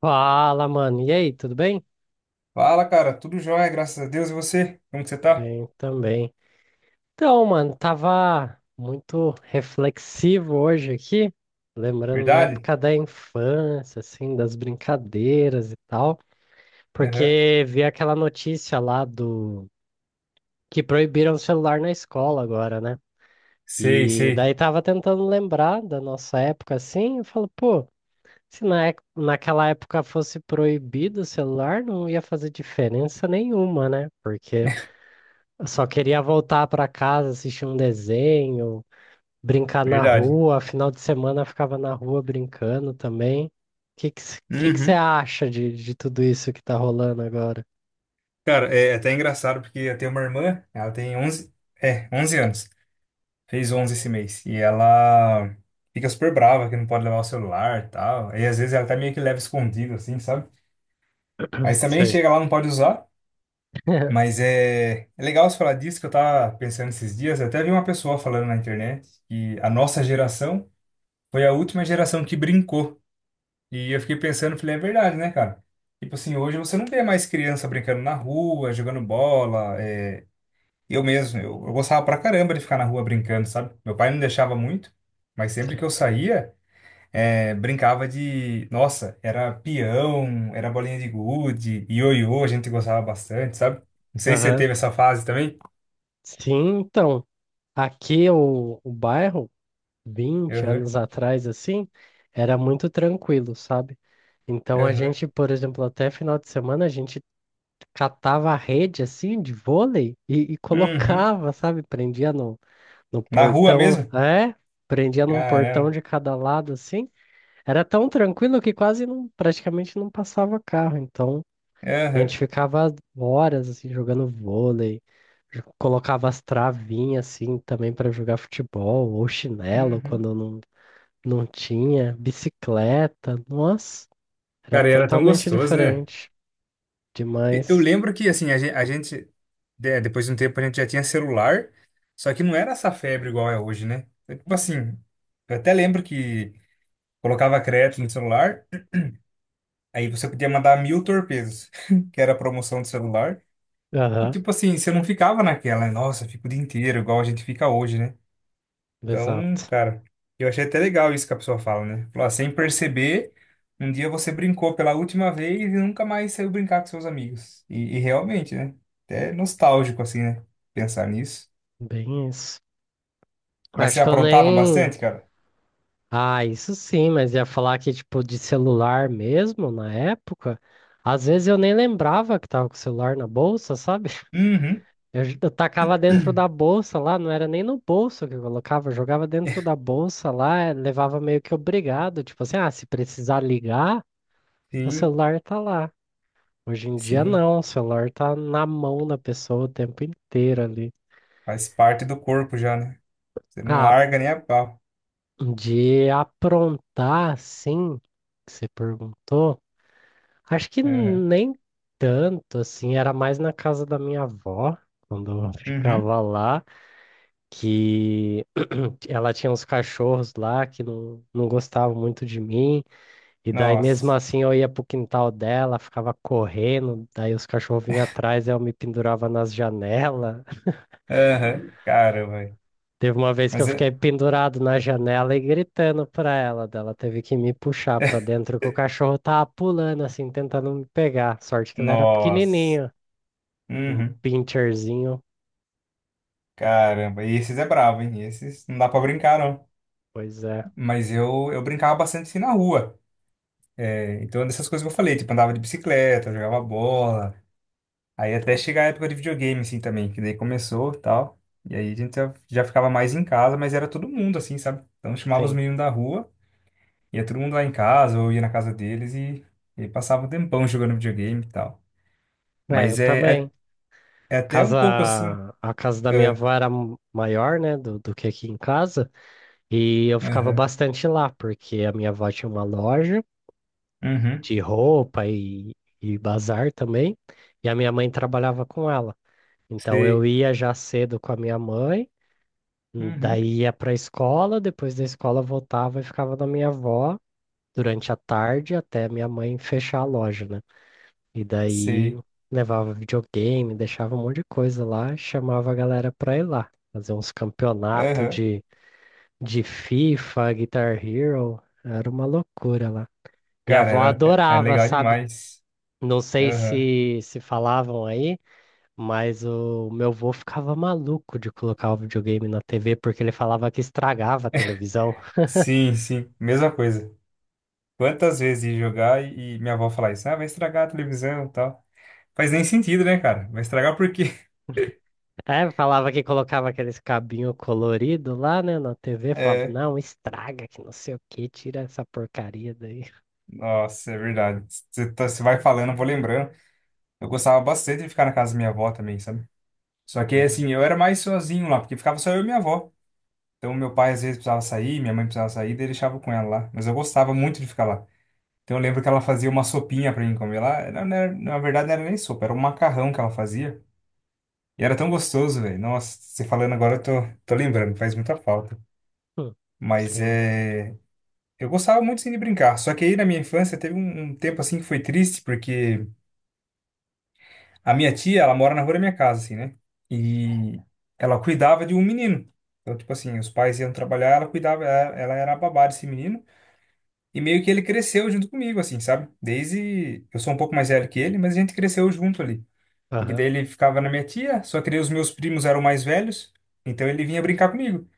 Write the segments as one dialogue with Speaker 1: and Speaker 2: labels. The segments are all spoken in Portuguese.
Speaker 1: Fala, mano. E aí, tudo bem?
Speaker 2: Fala, cara. Tudo jóia, graças a Deus. E você? Como que você tá?
Speaker 1: Bem também. Então, mano, tava muito reflexivo hoje aqui, lembrando da
Speaker 2: Verdade?
Speaker 1: época da infância, assim, das brincadeiras e tal,
Speaker 2: Aham.
Speaker 1: porque vi aquela notícia lá do que proibiram o celular na escola agora, né?
Speaker 2: Sei,
Speaker 1: E
Speaker 2: sei.
Speaker 1: daí tava tentando lembrar da nossa época assim, eu falo, pô, se na, ec- naquela época fosse proibido o celular, não ia fazer diferença nenhuma, né? Porque eu só queria voltar para casa, assistir um desenho, brincar na
Speaker 2: Verdade.
Speaker 1: rua. Final de semana eu ficava na rua brincando também. O que que c- que você
Speaker 2: Uhum.
Speaker 1: acha de tudo isso que tá rolando agora?
Speaker 2: Cara, é até engraçado porque eu tenho uma irmã, ela tem onze anos. Fez 11 esse mês. E ela fica super brava que não pode levar o celular e tal. E às vezes ela até meio que leva escondido, assim, sabe? Mas também
Speaker 1: Sei,
Speaker 2: chega lá, não pode usar. Mas é legal você falar disso que eu tava pensando esses dias. Eu até vi uma pessoa falando na internet que a nossa geração foi a última geração que brincou. E eu fiquei pensando, falei, é verdade, né, cara? Tipo assim, hoje você não vê mais criança brincando na rua, jogando bola. Eu mesmo, eu gostava pra caramba de ficar na rua brincando, sabe? Meu pai não deixava muito, mas sempre que
Speaker 1: sei.
Speaker 2: eu saía, brincava de. Nossa, era peão, era bolinha de gude, ioiô, a gente gostava bastante, sabe? Não sei se você
Speaker 1: Aham.
Speaker 2: teve essa fase também.
Speaker 1: Sim, então, aqui o bairro, vinte
Speaker 2: Aham,
Speaker 1: anos atrás, assim, era muito tranquilo, sabe? Então a
Speaker 2: aham.
Speaker 1: gente, por exemplo, até final de semana, a gente catava a rede, assim, de vôlei e
Speaker 2: Uhum.
Speaker 1: colocava, sabe? Prendia no, no
Speaker 2: Na rua
Speaker 1: portão,
Speaker 2: mesmo?
Speaker 1: é, prendia num portão
Speaker 2: Caramba.
Speaker 1: de cada lado assim. Era tão tranquilo que quase não, praticamente não passava carro. Então, a
Speaker 2: Aham,
Speaker 1: gente ficava horas assim jogando vôlei, colocava as travinhas assim também para jogar futebol, ou chinelo
Speaker 2: uhum.
Speaker 1: quando não, não tinha, bicicleta. Nossa, era
Speaker 2: Cara, e era tão
Speaker 1: totalmente
Speaker 2: gostoso, né?
Speaker 1: diferente.
Speaker 2: Eu
Speaker 1: Demais.
Speaker 2: lembro que, assim, a gente, depois de um tempo, a gente já tinha celular, só que não era essa febre igual é hoje, né? É. Tipo assim, eu até lembro que colocava crédito no celular, aí você podia mandar mil torpedos, que era a promoção do celular, e
Speaker 1: Aham,
Speaker 2: tipo assim, você não ficava naquela, nossa, fico o dia inteiro, igual a gente fica hoje, né? Então,
Speaker 1: exato.
Speaker 2: cara, eu achei até legal isso que a pessoa fala, né? Falou, ah, sem perceber, um dia você brincou pela última vez e nunca mais saiu brincar com seus amigos. E realmente, né? Até nostálgico, assim, né? Pensar nisso.
Speaker 1: Bem isso.
Speaker 2: Mas
Speaker 1: Acho
Speaker 2: você
Speaker 1: que eu
Speaker 2: aprontava
Speaker 1: nem.
Speaker 2: bastante, cara?
Speaker 1: Ah, isso sim, mas ia falar que, tipo, de celular mesmo, na época, às vezes eu nem lembrava que tava com o celular na bolsa, sabe?
Speaker 2: Uhum.
Speaker 1: Eu tacava dentro da bolsa lá, não era nem no bolso que eu colocava, eu jogava dentro da bolsa lá, levava meio que obrigado, tipo assim, ah, se precisar ligar, o
Speaker 2: Sim,
Speaker 1: celular tá lá. Hoje em dia
Speaker 2: sim.
Speaker 1: não, o celular tá na mão da pessoa o tempo inteiro ali.
Speaker 2: Faz parte do corpo já, né? Você não
Speaker 1: Ah,
Speaker 2: larga nem a pau.
Speaker 1: de aprontar, sim, que você perguntou. Acho que
Speaker 2: Uhum.
Speaker 1: nem tanto, assim, era mais na casa da minha avó, quando eu
Speaker 2: Uhum.
Speaker 1: ficava lá, que ela tinha uns cachorros lá que não gostavam muito de mim, e daí mesmo
Speaker 2: Nossa.
Speaker 1: assim eu ia pro quintal dela, ficava correndo, daí os cachorros vinham atrás, eu me pendurava nas janelas.
Speaker 2: Uhum. Caramba. Velho.
Speaker 1: Teve uma vez que
Speaker 2: Mas
Speaker 1: eu
Speaker 2: é.
Speaker 1: fiquei pendurado na janela e gritando pra ela, dela teve que me puxar pra dentro, que o cachorro tava pulando, assim, tentando me pegar. Sorte que ele era
Speaker 2: Nossa.
Speaker 1: pequenininho. Um
Speaker 2: Uhum.
Speaker 1: pincherzinho.
Speaker 2: Caramba. E esses é bravo, hein? Esses não dá pra brincar, não.
Speaker 1: Pois é,
Speaker 2: Mas eu brincava bastante assim na rua. É. Então, é dessas coisas que eu falei, tipo, andava de bicicleta, jogava bola. Aí até chegar a época de videogame, assim, também, que daí começou e tal. E aí a gente já ficava mais em casa, mas era todo mundo, assim, sabe? Então chamava os
Speaker 1: sim.
Speaker 2: meninos da rua, ia todo mundo lá em casa, ou ia na casa deles e passava um tempão jogando videogame e tal.
Speaker 1: É, eu
Speaker 2: Mas é
Speaker 1: também.
Speaker 2: é até um
Speaker 1: Casa,
Speaker 2: pouco assim.
Speaker 1: a casa da minha
Speaker 2: É,
Speaker 1: avó era maior, né, do que aqui em casa, e eu ficava
Speaker 2: aham.
Speaker 1: bastante lá, porque a minha avó tinha uma loja
Speaker 2: Uhum.
Speaker 1: de roupa e bazar também, e a minha mãe trabalhava com ela. Então eu
Speaker 2: Sei.
Speaker 1: ia já cedo com a minha mãe,
Speaker 2: Uhum.
Speaker 1: daí ia para a escola, depois da escola voltava e ficava na minha avó durante a tarde até minha mãe fechar a loja, né? E daí
Speaker 2: Sei.
Speaker 1: levava videogame, deixava um monte de coisa lá, chamava a galera pra ir lá, fazer uns campeonatos
Speaker 2: Aham.
Speaker 1: de FIFA, Guitar Hero, era uma loucura lá. Minha
Speaker 2: Cara,
Speaker 1: avó
Speaker 2: era, era
Speaker 1: adorava,
Speaker 2: legal
Speaker 1: sabe?
Speaker 2: demais.
Speaker 1: Não sei
Speaker 2: Aham.
Speaker 1: se falavam aí, mas o meu avô ficava maluco de colocar o videogame na TV porque ele falava que estragava a televisão.
Speaker 2: Sim, sim, mesma coisa. Quantas vezes ia jogar e minha avó falar isso? Ah, vai estragar a televisão e tal. Faz nem sentido, né, cara? Vai estragar por quê?
Speaker 1: É, falava que colocava aqueles cabinho colorido lá, né, na TV, falava,
Speaker 2: É,
Speaker 1: não, estraga, que não sei o que, tira essa porcaria daí.
Speaker 2: nossa, é verdade. Você vai falando, eu vou lembrando. Eu gostava bastante de ficar na casa da minha avó também, sabe? Só que,
Speaker 1: Aham.
Speaker 2: assim, eu era mais sozinho lá, porque ficava só eu e minha avó. Então, meu pai às vezes precisava sair, minha mãe precisava sair, daí eu deixava com ela lá. Mas eu gostava muito de ficar lá. Então, eu lembro que ela fazia uma sopinha pra mim comer lá. Na verdade, não era nem sopa, era um macarrão que ela fazia. E era tão gostoso, velho. Nossa, você falando agora, eu tô lembrando, faz muita falta.
Speaker 1: Hum.
Speaker 2: Mas
Speaker 1: Sim.
Speaker 2: é. Eu gostava muito sim de brincar. Só que aí na minha infância teve um tempo assim que foi triste, porque a minha tia, ela mora na rua da minha casa, assim, né? E ela cuidava de um menino. Então, tipo assim, os pais iam trabalhar, ela cuidava, ela era a babá desse menino. E meio que ele cresceu junto comigo, assim, sabe? Desde. Eu sou um pouco mais velho que ele, mas a gente cresceu junto ali. Porque
Speaker 1: Aham.
Speaker 2: daí ele ficava na minha tia, só que daí os meus primos eram mais velhos. Então ele vinha brincar comigo.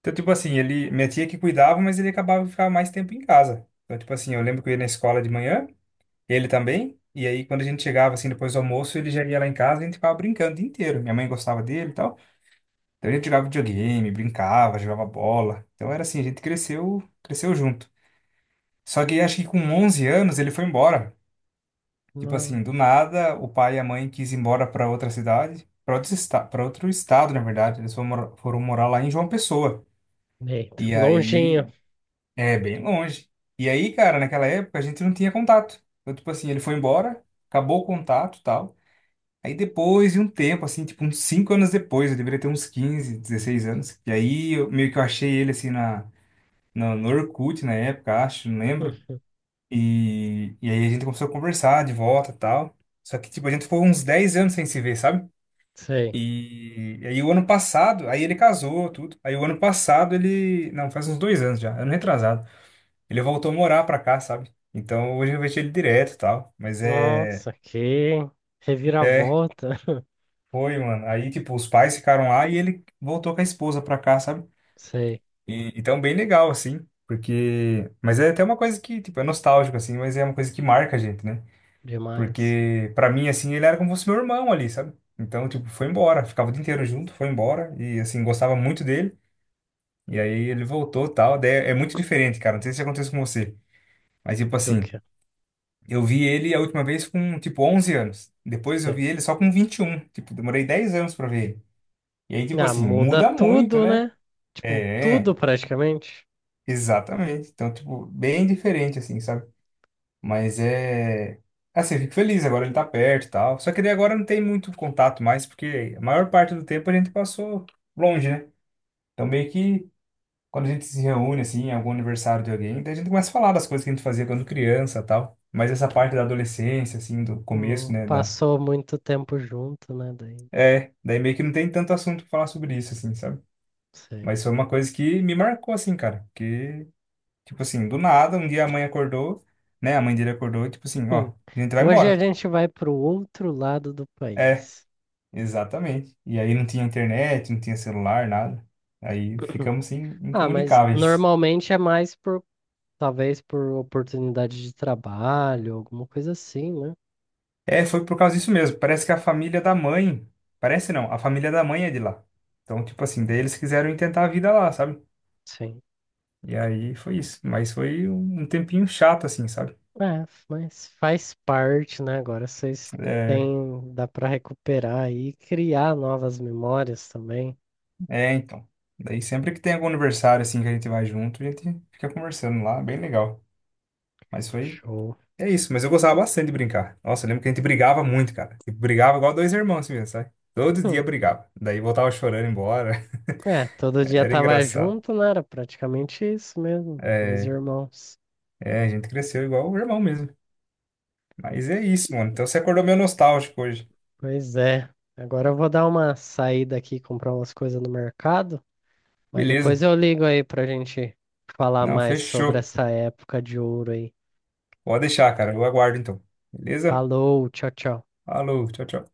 Speaker 2: Então, tipo assim, ele, minha tia que cuidava, mas ele acabava de ficar mais tempo em casa. Então, tipo assim, eu lembro que eu ia na escola de manhã, ele também, e aí quando a gente chegava, assim, depois do almoço, ele já ia lá em casa e a gente ficava brincando o dia inteiro. Minha mãe gostava dele e tal. Então, a gente jogava videogame, brincava, jogava bola. Então, era assim, a gente cresceu, cresceu junto. Só que acho que com 11 anos ele foi embora. Tipo
Speaker 1: Não.
Speaker 2: assim, do nada, o pai e a mãe quis ir embora para outra cidade, para outro estado, na verdade. Eles foram, foram morar lá em João Pessoa.
Speaker 1: Eita,
Speaker 2: E
Speaker 1: longinho.
Speaker 2: aí. É bem longe. E aí, cara, naquela época a gente não tinha contato. Então, tipo assim, ele foi embora, acabou o contato e tal. Aí depois de um tempo, assim, tipo uns 5 anos depois, eu deveria ter uns 15, 16 anos. E aí eu, meio que eu achei ele assim no Orkut na época, acho, não lembro.
Speaker 1: Uhum.
Speaker 2: E aí a gente começou a conversar de volta e tal. Só que, tipo, a gente ficou uns 10 anos sem se ver, sabe?
Speaker 1: Sei.
Speaker 2: E aí o ano passado, aí ele casou, tudo. Aí o ano passado ele. Não, faz uns dois anos já, ano retrasado. Ele voltou a morar pra cá, sabe? Então hoje eu vejo ele direto e tal. Mas é.
Speaker 1: Nossa, que
Speaker 2: É,
Speaker 1: reviravolta.
Speaker 2: foi, mano. Aí, tipo, os pais ficaram lá e ele voltou com a esposa pra cá, sabe?
Speaker 1: Sei.
Speaker 2: E, então, bem legal, assim. Porque. Mas é até uma coisa que, tipo, é nostálgico, assim. Mas é uma coisa que marca a gente, né?
Speaker 1: Demais.
Speaker 2: Porque, pra mim, assim, ele era como se fosse meu irmão ali, sabe? Então, tipo, foi embora. Ficava o dia inteiro junto, foi embora. E, assim, gostava muito dele. E aí ele voltou e tal. Daí é muito diferente, cara. Não sei se acontece com você. Mas, tipo
Speaker 1: Do
Speaker 2: assim.
Speaker 1: que?
Speaker 2: Eu vi ele a última vez com, tipo, 11 anos. Depois eu
Speaker 1: Sei.
Speaker 2: vi ele só com 21. Tipo, demorei 10 anos pra ver ele. E aí, tipo
Speaker 1: Ah,
Speaker 2: assim,
Speaker 1: muda
Speaker 2: muda muito,
Speaker 1: tudo,
Speaker 2: né?
Speaker 1: né? Tipo,
Speaker 2: É,
Speaker 1: tudo praticamente.
Speaker 2: exatamente. Então, tipo, bem diferente, assim, sabe? Mas é... Assim, eu fico feliz, agora ele tá perto e tal. Só que daí agora não tem muito contato mais, porque a maior parte do tempo a gente passou longe, né? Então, meio que quando a gente se reúne, assim, em algum aniversário de alguém, daí a gente começa a falar das coisas que a gente fazia quando criança e tal. Mas essa parte da adolescência, assim, do começo,
Speaker 1: Não
Speaker 2: né, da.
Speaker 1: passou muito tempo junto, né, daí.
Speaker 2: É, daí meio que não tem tanto assunto pra falar sobre isso, assim, sabe?
Speaker 1: Sei.
Speaker 2: Mas foi uma coisa que me marcou, assim, cara. Que tipo assim, do nada, um dia a mãe acordou, né? A mãe dele acordou, e tipo assim, ó,
Speaker 1: Hum.
Speaker 2: a gente vai
Speaker 1: Hoje a
Speaker 2: embora.
Speaker 1: gente vai para o outro lado do
Speaker 2: É,
Speaker 1: país.
Speaker 2: exatamente. E aí não tinha internet, não tinha celular, nada. Aí ficamos, assim,
Speaker 1: Ah, mas
Speaker 2: incomunicáveis.
Speaker 1: normalmente é mais por, talvez por oportunidade de trabalho, alguma coisa assim, né?
Speaker 2: É, foi por causa disso mesmo. Parece que a família da mãe. Parece não, a família da mãe é de lá. Então, tipo assim, daí eles quiseram tentar a vida lá, sabe?
Speaker 1: Sim.
Speaker 2: E aí foi isso. Mas foi um tempinho chato, assim, sabe?
Speaker 1: É, mas faz parte, né? Agora vocês
Speaker 2: É.
Speaker 1: têm, dá para recuperar e criar novas memórias também.
Speaker 2: É, então. Daí sempre que tem algum aniversário assim que a gente vai junto, a gente fica conversando lá, bem legal. Mas foi.
Speaker 1: Show.
Speaker 2: É isso, mas eu gostava bastante de brincar. Nossa, eu lembro que a gente brigava muito, cara. Tipo, brigava igual dois irmãos assim mesmo, sabe? Todo dia
Speaker 1: Hum.
Speaker 2: brigava. Daí voltava chorando embora.
Speaker 1: É, todo dia
Speaker 2: Era
Speaker 1: tava
Speaker 2: engraçado.
Speaker 1: junto, né? Era praticamente isso mesmo, dois
Speaker 2: É,
Speaker 1: irmãos.
Speaker 2: é, a gente cresceu igual o irmão mesmo. Mas é isso, mano. Então você acordou meio nostálgico hoje.
Speaker 1: Pois é. Agora eu vou dar uma saída aqui, comprar umas coisas no mercado, mas depois
Speaker 2: Beleza.
Speaker 1: eu ligo aí pra gente falar
Speaker 2: Não,
Speaker 1: mais sobre
Speaker 2: fechou.
Speaker 1: essa época de ouro aí.
Speaker 2: Pode deixar, cara. Eu aguardo então. Beleza?
Speaker 1: Falou, tchau, tchau.
Speaker 2: Falou, tchau, tchau.